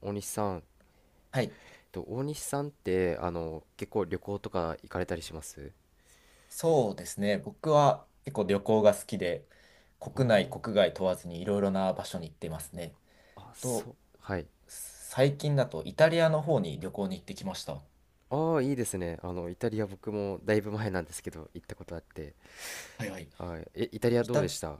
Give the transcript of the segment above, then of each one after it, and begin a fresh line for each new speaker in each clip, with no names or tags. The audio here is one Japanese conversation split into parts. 大西さん、
はい。
大西さんって結構旅行とか行かれたりします？
そうですね。僕は結構旅行が好きで、
あー、
国内、国外問わずにいろいろな場所に行ってますね。
あ、そ
と、
う、はい。
最近だとイタリアの方に旅行に行ってきました。は
ああ、いいですね。イタリア僕もだいぶ前なんですけど行ったことあって、
いはい。
はい、イタリア
イ
どうで
タ、
した？あ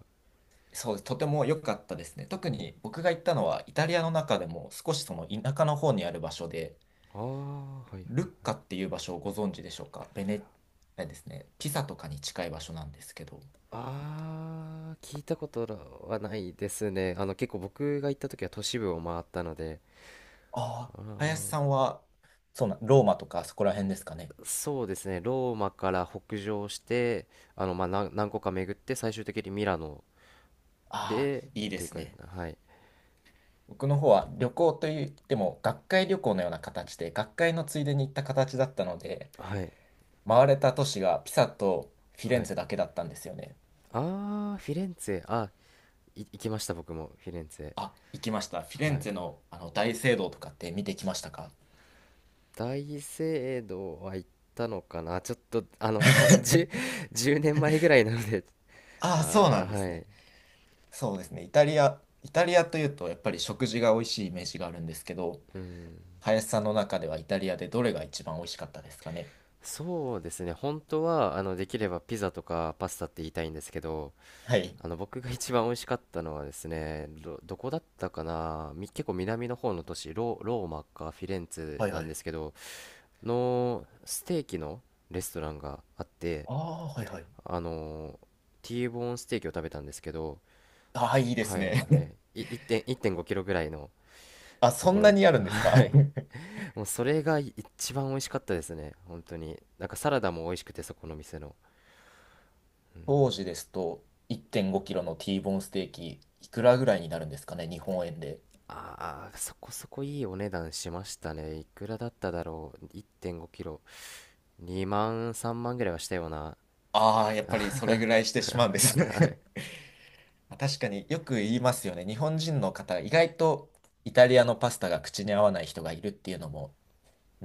そうです、とても良かったですね。特に僕が行ったのはイタリアの中でも少しその田舎の方にある場所で、
あー、はいはい。
ルッカっていう場所をご存知でしょうか。あれですね、ピサとかに近い場所なんですけど。
ああ、聞いたことはないですね。結構僕が行った時は都市部を回ったので、
あ
あ
あ、林
ー、
さんは、そうな、ローマとかそこら辺ですかね。
そうですね、ローマから北上して、まあ何個か巡って最終的にミラノ
ああ、
で
いいで
ていう
す
か、
ね。
はい。
僕の方は旅行といっても学会旅行のような形で、学会のついでに行った形だったので、
はい
回れた都市がピサとフィレ
は
ン
い。
ツェだけだったんですよね。
あー、フィレンツェ、あ、い行きました僕もフィレンツ
あ、行きました。フィレ
ェ。は
ン
い。
ツェの、あの大聖堂とかって見てきましたか？
大聖堂は行ったのかな。ちょっとあのか 10 年前ぐらいなので。
ああ、そうな
あー、
んです
はい。
ね。そうですね。イタリアというとやっぱり食事が美味しいイメージがあるんですけど、
うん、
林さんの中ではイタリアでどれが一番美味しかったですかね。
そうですね。本当はできればピザとかパスタって言いたいんですけど、
はい。
僕が一番美味しかったのはですね、どこだったかな、結構南の方の都市、ローマかフィレンツ
は
ェ
い
な
は
んで
い。
すけど、のステーキのレストランがあって、
ああ、はいはい。
あのーティーボーンステーキを食べたんですけど、
ああ、いいで
は
す
いはい、
ね。
1.1.5キロぐらいの
あ、
と
そ
こ
んな
ろ、
にあるんですか？
はい、 もうそれが一番美味しかったですね。本当になんかサラダも美味しくて、そこの店の。
当時ですと、1.5キロの T ボーンステーキ、いくらぐらいになるんですかね、日本円で。
ああー、そこそこいいお値段しましたね。いくらだっただろう。1 5キロ2万3万ぐらいはしたような。
ああ、やっぱりそれぐらいしてしまうんですね。 まあ確かによく言いますよね。日本人の方、意外とイタリアのパスタが口に合わない人がいるっていうのも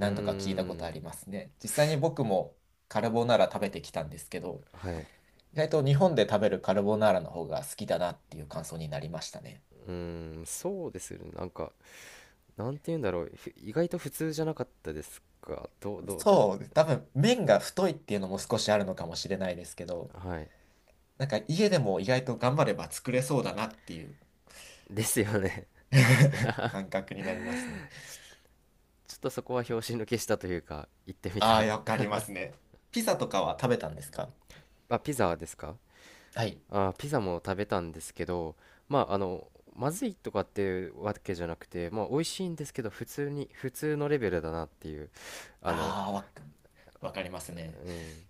うー
度か聞いたことあ
ん。
りますね。実際に僕もカルボナーラ食べてきたんですけど、
はい、
意外と日本で食べるカルボナーラの方が好きだなっていう感想になりましたね。
うーん、そうですよね。なんか、なんて言うんだろう、意外と普通じゃなかったですか？どうです？
そう、多分麺が太いっていうのも少しあるのかもしれないですけど、
はい。
なんか家でも意外と頑張れば作れそうだなっていう
ですよね。
感覚になりますね。
ちょっとそこは拍子抜けしたというか、行ってみた
あ
ら。
あ、わかり ますね。ピザとかは食べたんですか？
あ、ピザですか？
はい。
あ、ピザも食べたんですけど、まあ、まずいとかっていうわけじゃなくて、まあ、美味しいんですけど、普通に、普通のレベルだなっていう、あの、
ああ、わかりますね。
うん、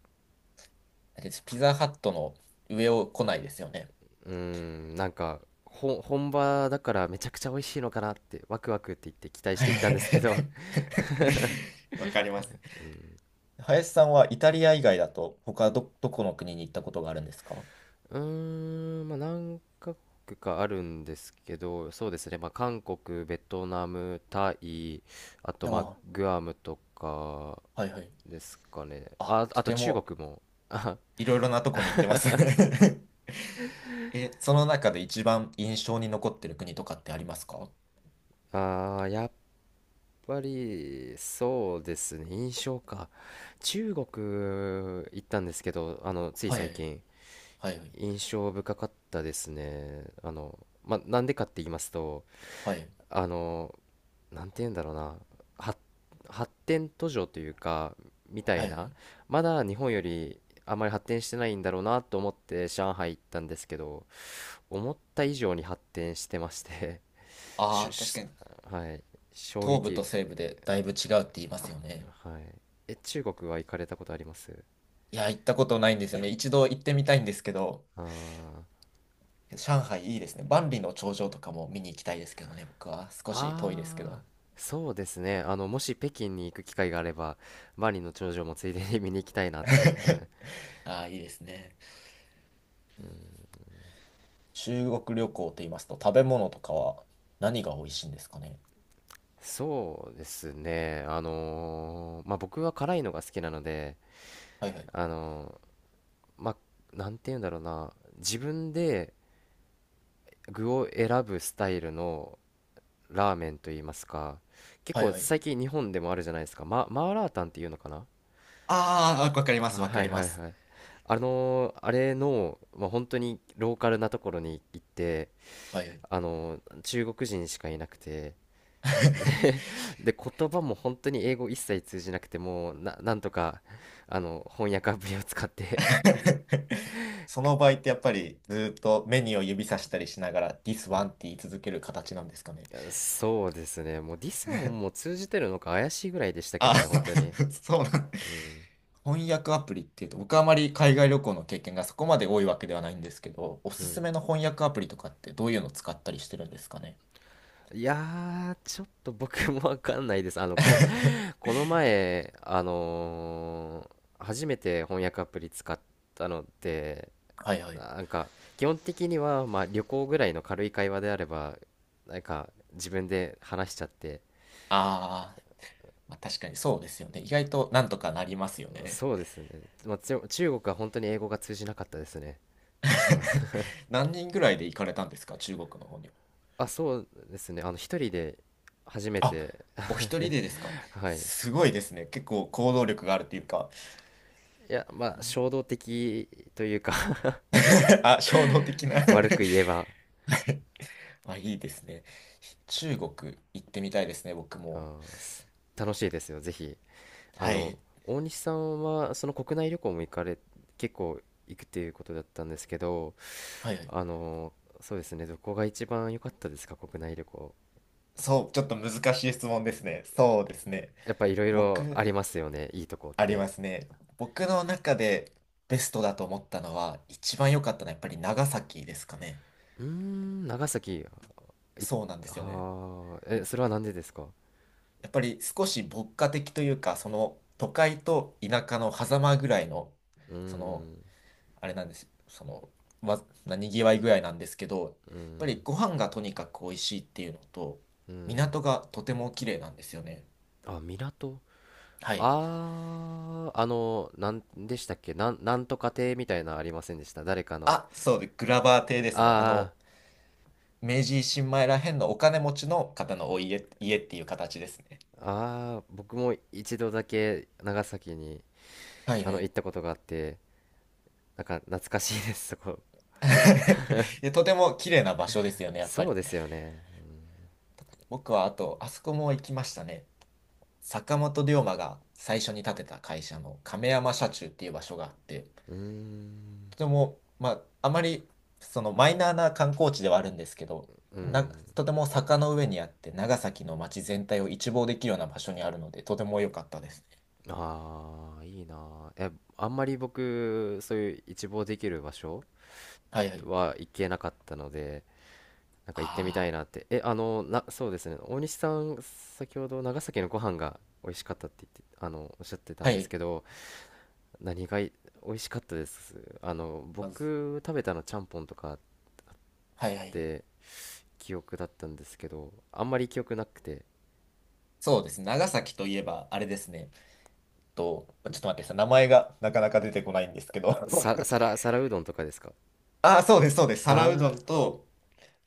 だってピザハットの上を来ないですよね。
うん、なんか、本場だからめちゃくちゃ美味しいのかなって、ワクワクって言って期待し
は
て行ったんですけ
い。
ど、
わかります。
うん。
林さんはイタリア以外だと他どこの国に行ったことがあるんですか？
うーん、まあ、何カ国かあるんですけど、そうですね、まあ、韓国、ベトナム、タイ、あと、
あ
まあ、
あ、
グアムとか
はいはい。
ですかね。
あ、
あ、
と
あと
て
中
も。
国も。あ、
いろいろなとこに行ってますね。 え、その中で一番印象に残ってる国とかってありますか？は
あー、やっぱり、そうですね、印象か。中国行ったんですけど、つい
いは
最
い
近、
はい
印象深かったですね。まあ、なんでかって言いますと、
はいはい
あの、なんて言うんだろうな。発発展途上というか、みた
は
い
いは
な、
い。
まだ日本よりあまり発展してないんだろうなと思って上海行ったんですけど、思った以上に発展してまして。
あ
し
あー、確
し
かに
はい、衝
東部と
撃。
西部でだいぶ違うって言いますよね。
はい、中国は行かれたことあります？
いや、行ったことないんですよね。一度行ってみたいんですけど、
あー、
上海いいですね。万里の長城とかも見に行きたいですけどね、僕は。少し遠いですけ
あ
ど。
ー、そうですね。もし北京に行く機会があれば万里の長城もついでに見に行きたいなって。
ああ、いいですね。中国旅行と言いますと、食べ物とかは何が美味しいんですかね。
そうですね。まあ、僕は辛いのが好きなので、
はいはい。
あのまあ、なんて言うんだろうな。自分で具を選ぶスタイルのラーメンと言いますか。結
はい
構
はい。
最近日本でもあるじゃないですか。マーラータンっていうのかな。
ああ、わかります、わか
はい
り
は
ま
い
す。
はい。あれの、まあ、本当にローカルなところに行って、
はい。
中国人しかいなくて、で、で言葉も本当に英語一切通じなくて、もうなんとか翻訳アプリを使って。
その場合ってやっぱりずーっとメニューを指さしたりしながら This one って言い続ける形なんですかね。
そうですね、もうディスはもう通じてるのか怪しいぐらいでしたけど
あ、
ね、本当に。
そうなん
うん、
翻訳アプリっていうと僕はあまり海外旅行の経験がそこまで多いわけではないんですけど、お
う
す
ん。
すめの翻訳アプリとかってどういうの使ったりしてるんですかね。
いやー、ちょっと僕もわかんないです。この前初めて翻訳アプリ使ったので。
はいはい。
なんか基本的にはまあ旅行ぐらいの軽い会話であればなんか自分で話しちゃって。
あー、まあ、確かにそうですよね。意外となんとかなりますよね。
そうですね、まあ、中国は本当に英語が通じなかったですね。
何人ぐらいで行かれたんですか、中国の方には。
あ、そうですね、一人で初め
あ、
て、
お一人でですか。
はい。
すごいですね。結構行動力があるっていうか、
いや、まあ、衝動的というか、
あ、衝動的な。
悪く 言えば。
あ、いいですね。中国行ってみたいですね、僕も。
あー、楽しいですよ、ぜひ。あ
は
の、
い。
大西さんは、その国内旅行も行かれ、結構行くっていうことだったんですけど、
はいはい。
あの、そうですね、どこが一番良かったですか、国内旅行。
そう、ちょっと難しい質問ですね。そうですね。
やっぱいろいろ
僕、
ありますよね、いいとこっ
あり
て。
ますね。僕の中でベストだと思ったのは、一番良かったのはやっぱり長崎ですかね。
うーん、長崎。い
そうなんですよね。
はあ、それはなんでですか？
やっぱり少し牧歌的というか、その都会と田舎の狭間ぐらいの、
うー
その
ん、
あれなんです。その、にぎわい具合なんですけど、やっ
う
ぱり
ん、
ご飯がとにかく美味しいっていうのと、
うん。
港がとても綺麗なんですよね。
あ、港。
はい。
ああ、なんでしたっけ、なんとか亭みたいなのありませんでした、誰かの。
あ、そうで、グラバー邸ですね。あ
あ
の、明治維新前らへんのお金持ちの方のお家っていう形ですね。
あ、ああ、僕も一度だけ長崎に、
はいはい。
行ったことがあって、なんか懐かしいです、そこ。
で、とても綺麗な場所ですよね、やっぱ
そ
り。
うですよね。
僕はあと、あそこも行きましたね。坂本龍馬が最初に建てた会社の亀山社中っていう場所があって、
うーん、
とても、まあ、あまりそのマイナーな観光地ではあるんですけど、
う
な、
ん。
とても坂の上にあって、長崎の街全体を一望できるような場所にあるので、とても良かったですね。
ああ、いいなあ。あんまり僕、そういう一望できる場所
はいはい。
は行けなかったので、なんか行ってみ
あ
たいなって。え、あの、な、そうですね。大西さん、先ほど長崎のご飯が美味しかったって言って、おっしゃってた
あ、
ん
は
です
い。
けど、何が美味しかったです？
まず、
僕食べたのちゃんぽんとかっ
はいはい。
て記憶だったんですけど、あんまり記憶なくて、
そうですね。長崎といえば、あれですね。ちょっと待ってください。名前がなかなか出てこないんですけど。
皿うどんとかですか？
ああ、そうです、そうです。皿う
あ
どんと、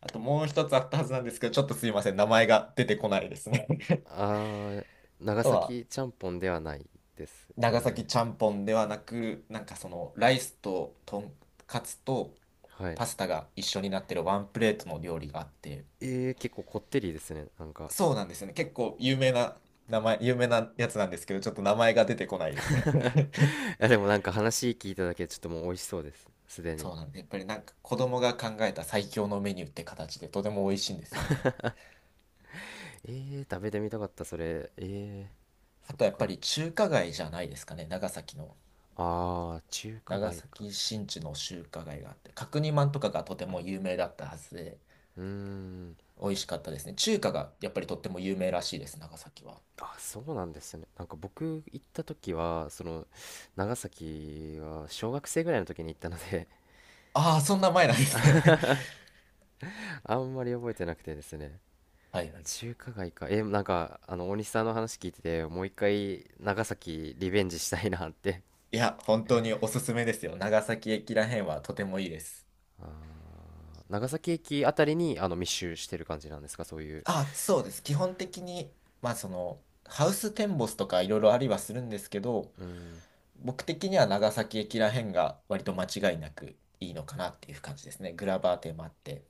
あともう一つあったはずなんですけど、ちょっとすいません。名前が出てこないですね。
ー、 あー、
あ
長
とは、
崎ちゃんぽんではないです
長
よ
崎
ね。
ちゃんぽんではなく、なんかそのライスととんかつと
はい。
パスタが一緒になってるワンプレートの料理があって、
結構こってりですね。なんか。
そうなんですよね。結構有名なやつなんですけど、ちょっと名前が出てこないですね。
やでもなんか話聞いただけでちょっともう美味しそうです、すで に。
そうなんです。やっぱりなんか子供が考えた最強のメニューって形でとても美味しいんですよね。
え食べてみたかったそれ。
あ
そっ
とやっぱ
か。
り中華街じゃないですかね、長崎の。
あー、中華
長
街か。
崎新地の中華街があって、角煮まんとかがとても有名だったはずで、
うーん。
美味しかったですね。中華がやっぱりとっても有名らしいです、長崎は。
あ、そうなんですね。なんか僕行った時はその長崎は小学生ぐらいの時に行ったので。
ああ、そんな前なんですね。
あんまり覚えてなくてですね。
はいはい。
中華街か。なんか大西さんの話聞いててもう一回長崎リベンジしたいなって。
いや、本当におすすめですよ。長崎駅らへんはとてもいいです。
長崎駅あたりに密集してる感じなんですか、そういう。
あ、そうです。基本的に、まあその、ハウステンボスとかいろいろありはするんですけど、
うーん。
僕的には長崎駅らへんが割と間違いなくいいのかなっていう感じですね。グラバー店もあって。